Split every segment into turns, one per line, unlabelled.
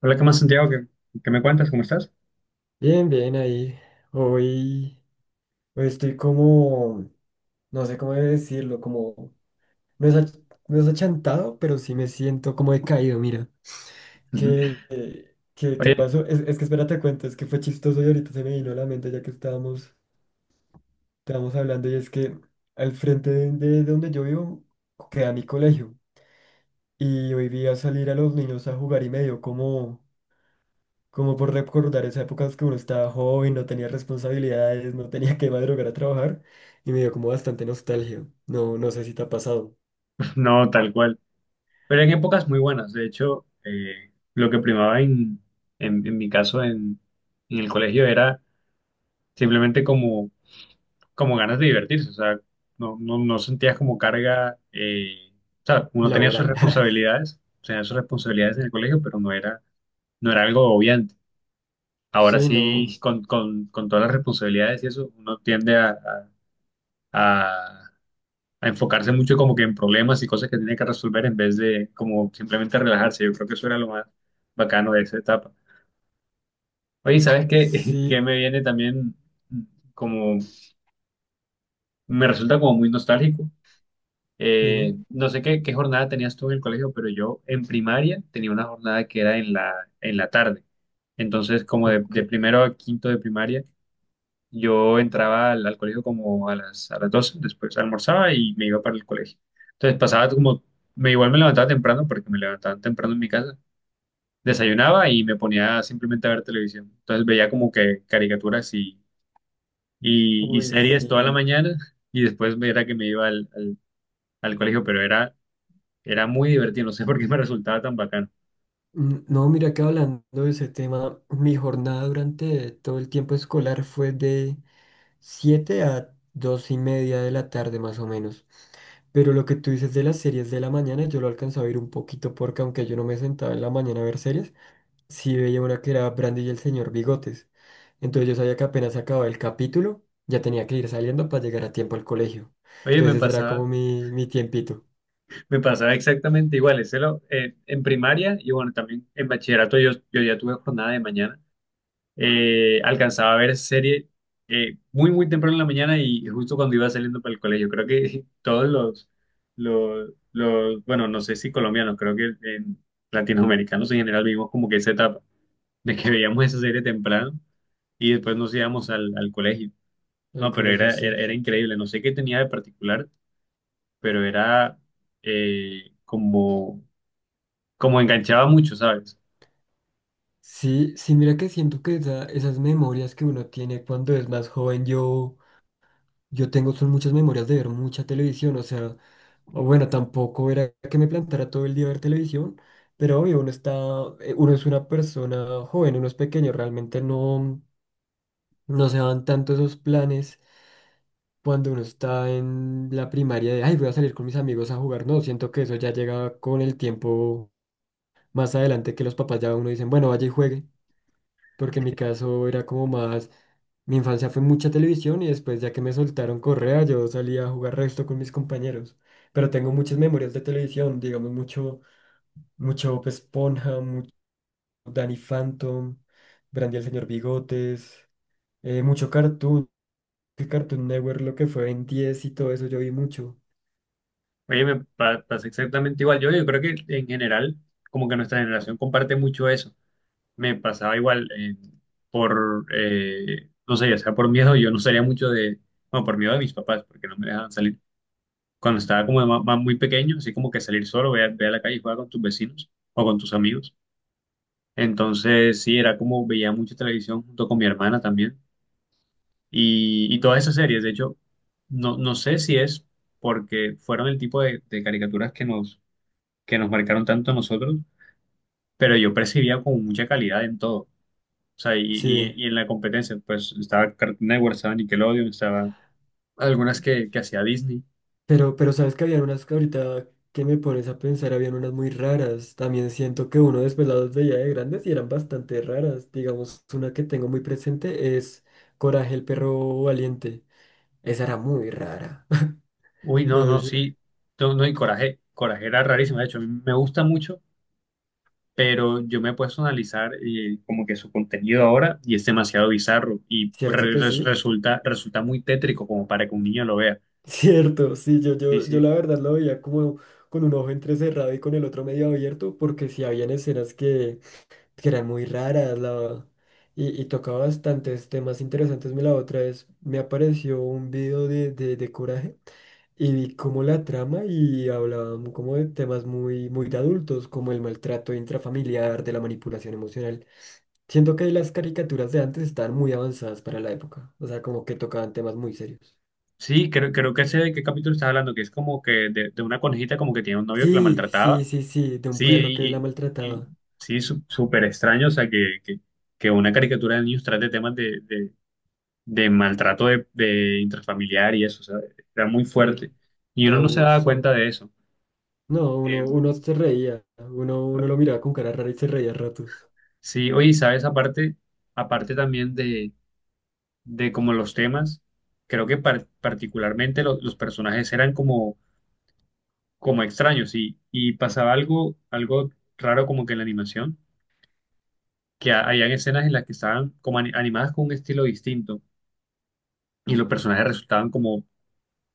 Hola, ¿qué más, Santiago? ¿Qué me cuentas? ¿Cómo estás?
Bien, bien, ahí. Hoy, hoy estoy como, no sé cómo decirlo, como, no es, ach- no es achantado, pero sí me siento como decaído, mira.
Ujú.
¿Qué, qué
Oye,
pasó? Es que espérate, cuento, es que fue chistoso y ahorita se me vino a la mente ya que estábamos hablando y es que al frente de donde yo vivo queda mi colegio y hoy vi a salir a los niños a jugar y me dio como como por recordar esa época en que uno estaba joven, no tenía responsabilidades, no tenía que madrugar a trabajar y me dio como bastante nostalgia. No, no sé si te ha pasado
no, tal cual. Pero en épocas muy buenas. De hecho, lo que primaba en mi caso en el colegio era simplemente como ganas de divertirse. O sea, no sentías como carga. O sea, uno
laboral.
tenía sus responsabilidades en el colegio, pero no era, no era algo obviante. Ahora
Sí, no.
sí, con todas las responsabilidades y eso, uno tiende a, a a enfocarse mucho como que en problemas y cosas que tiene que resolver en vez de como simplemente relajarse. Yo creo que eso era lo más bacano de esa etapa. Oye, ¿sabes qué? Que
Sí,
me viene también como, me resulta como muy nostálgico.
dime.
No sé qué jornada tenías tú en el colegio, pero yo en primaria tenía una jornada que era en la tarde. Entonces, como de,
Ok.
de primero a quinto de primaria, yo entraba al colegio como a las doce, después almorzaba y me iba para el colegio. Entonces pasaba como, me igual me levantaba temprano porque me levantaban temprano en mi casa, desayunaba y me ponía simplemente a ver televisión. Entonces veía como que caricaturas y
Uy,
series toda la
sí.
mañana y después era que me iba al colegio, pero era, era muy divertido, no sé por qué me resultaba tan bacano.
No, mira que hablando de ese tema, mi jornada durante todo el tiempo escolar fue de 7:00 a 2:30 de la tarde más o menos. Pero lo que tú dices de las series de la mañana, yo lo alcanzaba a ver un poquito porque aunque yo no me sentaba en la mañana a ver series, sí veía una que era Brandy y el Señor Bigotes. Entonces yo sabía que apenas acababa el capítulo, ya tenía que ir saliendo para llegar a tiempo al colegio.
Oye,
Entonces ese era como mi tiempito.
me pasaba exactamente igual, ese en primaria y bueno, también en bachillerato yo ya tuve jornada de mañana. Alcanzaba a ver serie muy temprano en la mañana y justo cuando iba saliendo para el colegio. Creo que todos bueno, no sé si colombianos, creo que en latinoamericanos en general vivimos como que esa etapa de que veíamos esa serie temprano y después nos íbamos al colegio.
El
No, pero
colegio,
era, era,
sí.
era increíble, no sé qué tenía de particular, pero era eh, como, como enganchaba mucho, ¿sabes?
Sí, sí, mira que siento que esas memorias que uno tiene cuando es más joven, yo tengo son muchas memorias de ver mucha televisión, o sea, o bueno, tampoco era que me plantara todo el día a ver televisión, pero obvio, uno está, uno es una persona joven, uno es pequeño, realmente no, no se dan tanto esos planes cuando uno está en la primaria de, ay, voy a salir con mis amigos a jugar. No, siento que eso ya llega con el tiempo más adelante que los papás ya a uno dicen, bueno, vaya y juegue, porque en mi caso era como más, mi infancia fue mucha televisión y después ya que me soltaron correa, yo salía a jugar resto con mis compañeros. Pero tengo muchas memorias de televisión, digamos, mucho, mucho Bob Esponja, mucho Danny Phantom, Brandy el Señor Bigotes, mucho Cartoon Network, lo que fue en 10 y todo eso yo vi mucho.
Oye, pasa exactamente igual. Yo creo que en general, como que nuestra generación comparte mucho eso. Me pasaba igual, no sé, ya sea por miedo, yo no salía mucho de, bueno, por miedo de mis papás, porque no me dejaban salir. Cuando estaba como de muy pequeño, así como que salir solo, ve ve a la calle y jugar con tus vecinos o con tus amigos. Entonces, sí, era como veía mucha televisión junto con mi hermana también. Y todas esas series, de hecho, no sé si es porque fueron el tipo de caricaturas que nos marcaron tanto a nosotros, pero yo percibía como mucha calidad en todo. O sea, y, y-
Sí.
y en la competencia, pues estaba Cartoon Network, estaba Nickelodeon, estaba algunas que hacía Disney.
Pero sabes que habían unas que ahorita que me pones a pensar, habían unas muy raras. También siento que uno después las veía de grandes y eran bastante raras. Digamos, una que tengo muy presente es Coraje el perro valiente. Esa era muy rara.
Uy, no,
No
no,
sé si la-
sí, no, no, y Coraje, Coraje era rarísimo. De hecho, a mí me gusta mucho, pero yo me he puesto a analizar, como que su contenido ahora y es demasiado bizarro y
¿Cierto que sí?
resulta muy tétrico como para que un niño lo vea.
Cierto, sí, yo,
Sí,
yo, yo
sí.
la verdad lo veía como con un ojo entrecerrado y con el otro medio abierto, porque sí habían escenas que eran muy raras, la y tocaba bastantes temas interesantes. Me La otra vez me apareció un video de Coraje y vi como la trama y hablaban como de temas muy, muy de adultos, como el maltrato intrafamiliar, de la manipulación emocional. Siento que las caricaturas de antes estaban muy avanzadas para la época, o sea, como que tocaban temas muy serios.
Sí, creo, creo que sé de qué capítulo estás hablando, que es como que de una conejita como que tiene un novio que la
Sí, sí,
maltrataba.
sí, sí, de un
Sí,
perro que la
y-
maltrataba,
sí, súper extraño, o sea, que una caricatura de niños trate temas de maltrato de intrafamiliar y eso, o sea, era muy
sí,
fuerte. Y
de
uno no se daba
abuso.
cuenta de eso.
No, uno,
Eh,
uno se reía, uno, uno lo miraba con cara rara y se reía a ratos.
sí, oye, ¿sabes? Aparte, aparte también de como los temas, creo que particularmente los personajes eran como, como extraños y pasaba algo, algo raro como que en la animación, que habían escenas en las que estaban como animadas con un estilo distinto y los personajes resultaban como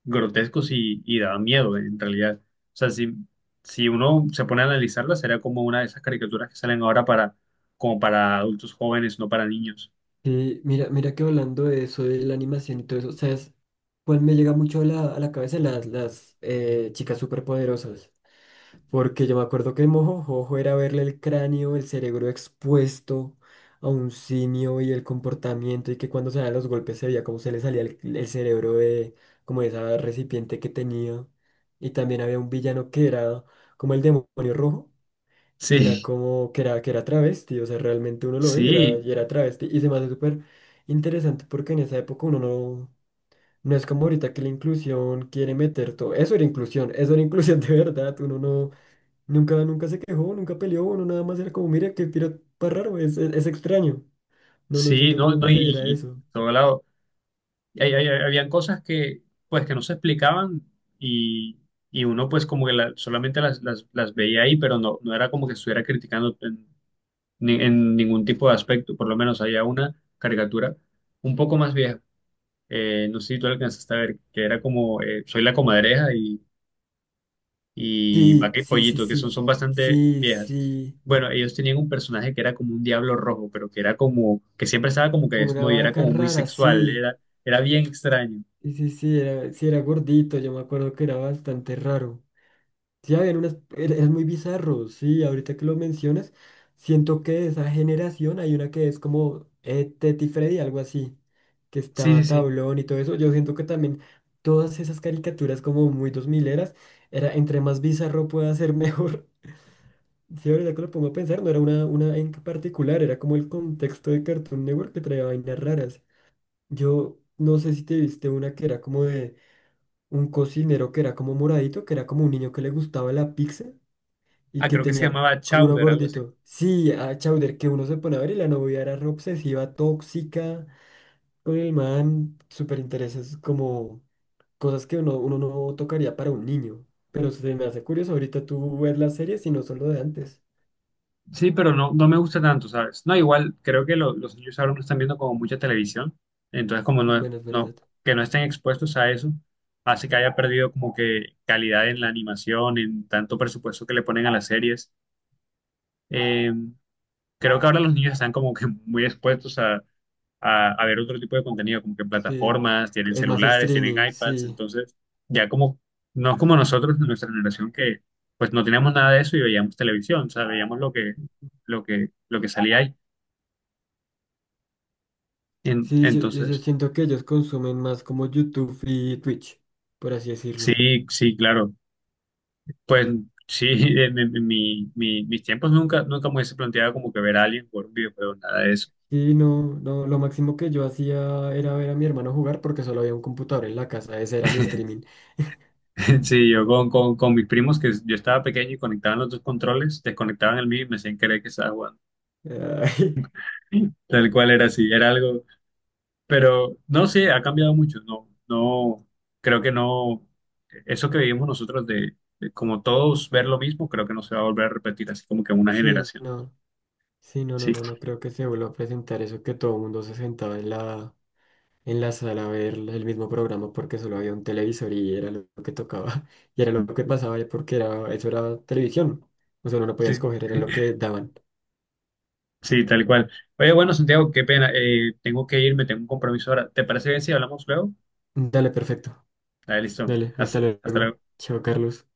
grotescos y daban miedo en realidad. O sea, si, si uno se pone a analizarla, sería como una de esas caricaturas que salen ahora para, como para adultos jóvenes, no para niños.
Sí, mira, mira que hablando de eso, de la animación y todo eso, ¿sabes? Pues me llega mucho a la cabeza las chicas superpoderosas, porque yo me acuerdo que Mojojojo era verle el cráneo, el cerebro expuesto a un simio y el comportamiento y que cuando se daban los golpes se veía cómo se le salía el cerebro de como de esa recipiente que tenía. Y también había un villano que era como el demonio rojo que era
Sí,
como, que era travesti, o sea, realmente uno lo ve
sí,
y era travesti. Y se me hace súper interesante porque en esa época uno no, no es como ahorita que la inclusión quiere meter todo. Eso era inclusión, eso era inclusión de verdad. Uno no, nunca, nunca se quejó, nunca peleó, uno nada más era como, mira, qué piro tan raro, es extraño. No, no
sí,
siento
no,
como
no,
que
y,
se diera
y
eso.
por todo lado. Y habían cosas que, pues, que no se explicaban y, y uno, pues, como que solamente las veía ahí, pero no, no era como que estuviera criticando en, en ningún tipo de aspecto. Por lo menos había una caricatura un poco más vieja, no sé si tú alcanzaste a ver, que era como Soy la Comadreja y
Sí,
Vaca y
sí, sí,
Pollito, que son,
sí,
son bastante
sí,
viejas.
sí,
Bueno, ellos tenían un personaje que era como un diablo rojo, pero que era como, que siempre estaba como que
como una
desnudo y era
vaca
como muy
rara,
sexual,
sí.
era, era bien extraño.
Sí, sí, sí, era gordito, yo me acuerdo que era bastante raro. Sí, habían unas, es muy bizarro, sí, ahorita que lo mencionas, siento que de esa generación hay una que es como Teti Freddy, algo así, que
Sí, sí,
estaba
sí.
Tablón y todo eso, yo siento que también todas esas caricaturas como muy dos mileras, era entre más bizarro pueda ser mejor, sí, ahorita que lo pongo a pensar, no era una en particular, era como el contexto de Cartoon Network que traía vainas raras, yo no sé si te viste una que era como de un cocinero que era como moradito, que era como un niño que le gustaba la pizza, y
Ah,
que
creo que se
tenía
llamaba
uno
Chowder, algo así.
gordito. Sí, a Chowder, que uno se pone a ver y la novia era re obsesiva, tóxica, con el man, súper intereses, como cosas que uno, uno no tocaría para un niño. Pero se me hace curioso, ahorita tú ves las series y no son lo de antes.
Sí, pero no, no me gusta tanto, ¿sabes? No, igual creo que los niños ahora no están viendo como mucha televisión, entonces como no,
Bueno, es verdad.
no, que no estén expuestos a eso, hace que haya perdido como que calidad en la animación, en tanto presupuesto que le ponen a las series. Eh, Creo que ahora los niños están como que muy expuestos a ver otro tipo de contenido, como que
Sí,
plataformas, tienen
es más
celulares, tienen
streaming,
iPads,
sí.
entonces ya como, no es como nosotros de nuestra generación que pues no teníamos nada de eso y veíamos televisión, o sea, veíamos lo que salía ahí.
Sí, yo
Entonces,
siento que ellos consumen más como YouTube y Twitch, por así decirlo.
sí, sí, claro, pues sí, en, mis tiempos nunca, nunca me hubiese planteado como que ver a alguien por un videojuego, nada de eso.
Y no, no, lo máximo que yo hacía era ver a mi hermano jugar porque solo había un computador en la casa, ese era mi streaming.
Sí, yo con mis primos que yo estaba pequeño y conectaban los dos controles, desconectaban el mío y me hacían creer que estaba jugando.
Ay,
Tal cual era así, era algo, pero no sé, ha cambiado mucho, no, no, creo que no, eso que vivimos nosotros de como todos ver lo mismo, creo que no se va a volver a repetir así como que en una
sí,
generación,
no, sí, no, no,
sí,
no, no creo que se vuelva a presentar eso que todo el mundo se sentaba en la sala a ver el mismo programa porque solo había un televisor y era lo que tocaba, y era lo que pasaba porque era, eso era televisión, o sea, uno no podía
sí,
escoger, era lo que daban.
sí, tal cual. Oye, bueno, Santiago, qué pena, tengo que irme, tengo un compromiso ahora, ¿te parece bien si hablamos luego?
Dale, perfecto,
Dale, listo,
dale, hasta
hasta, hasta
luego.
luego.
Chao, Carlos.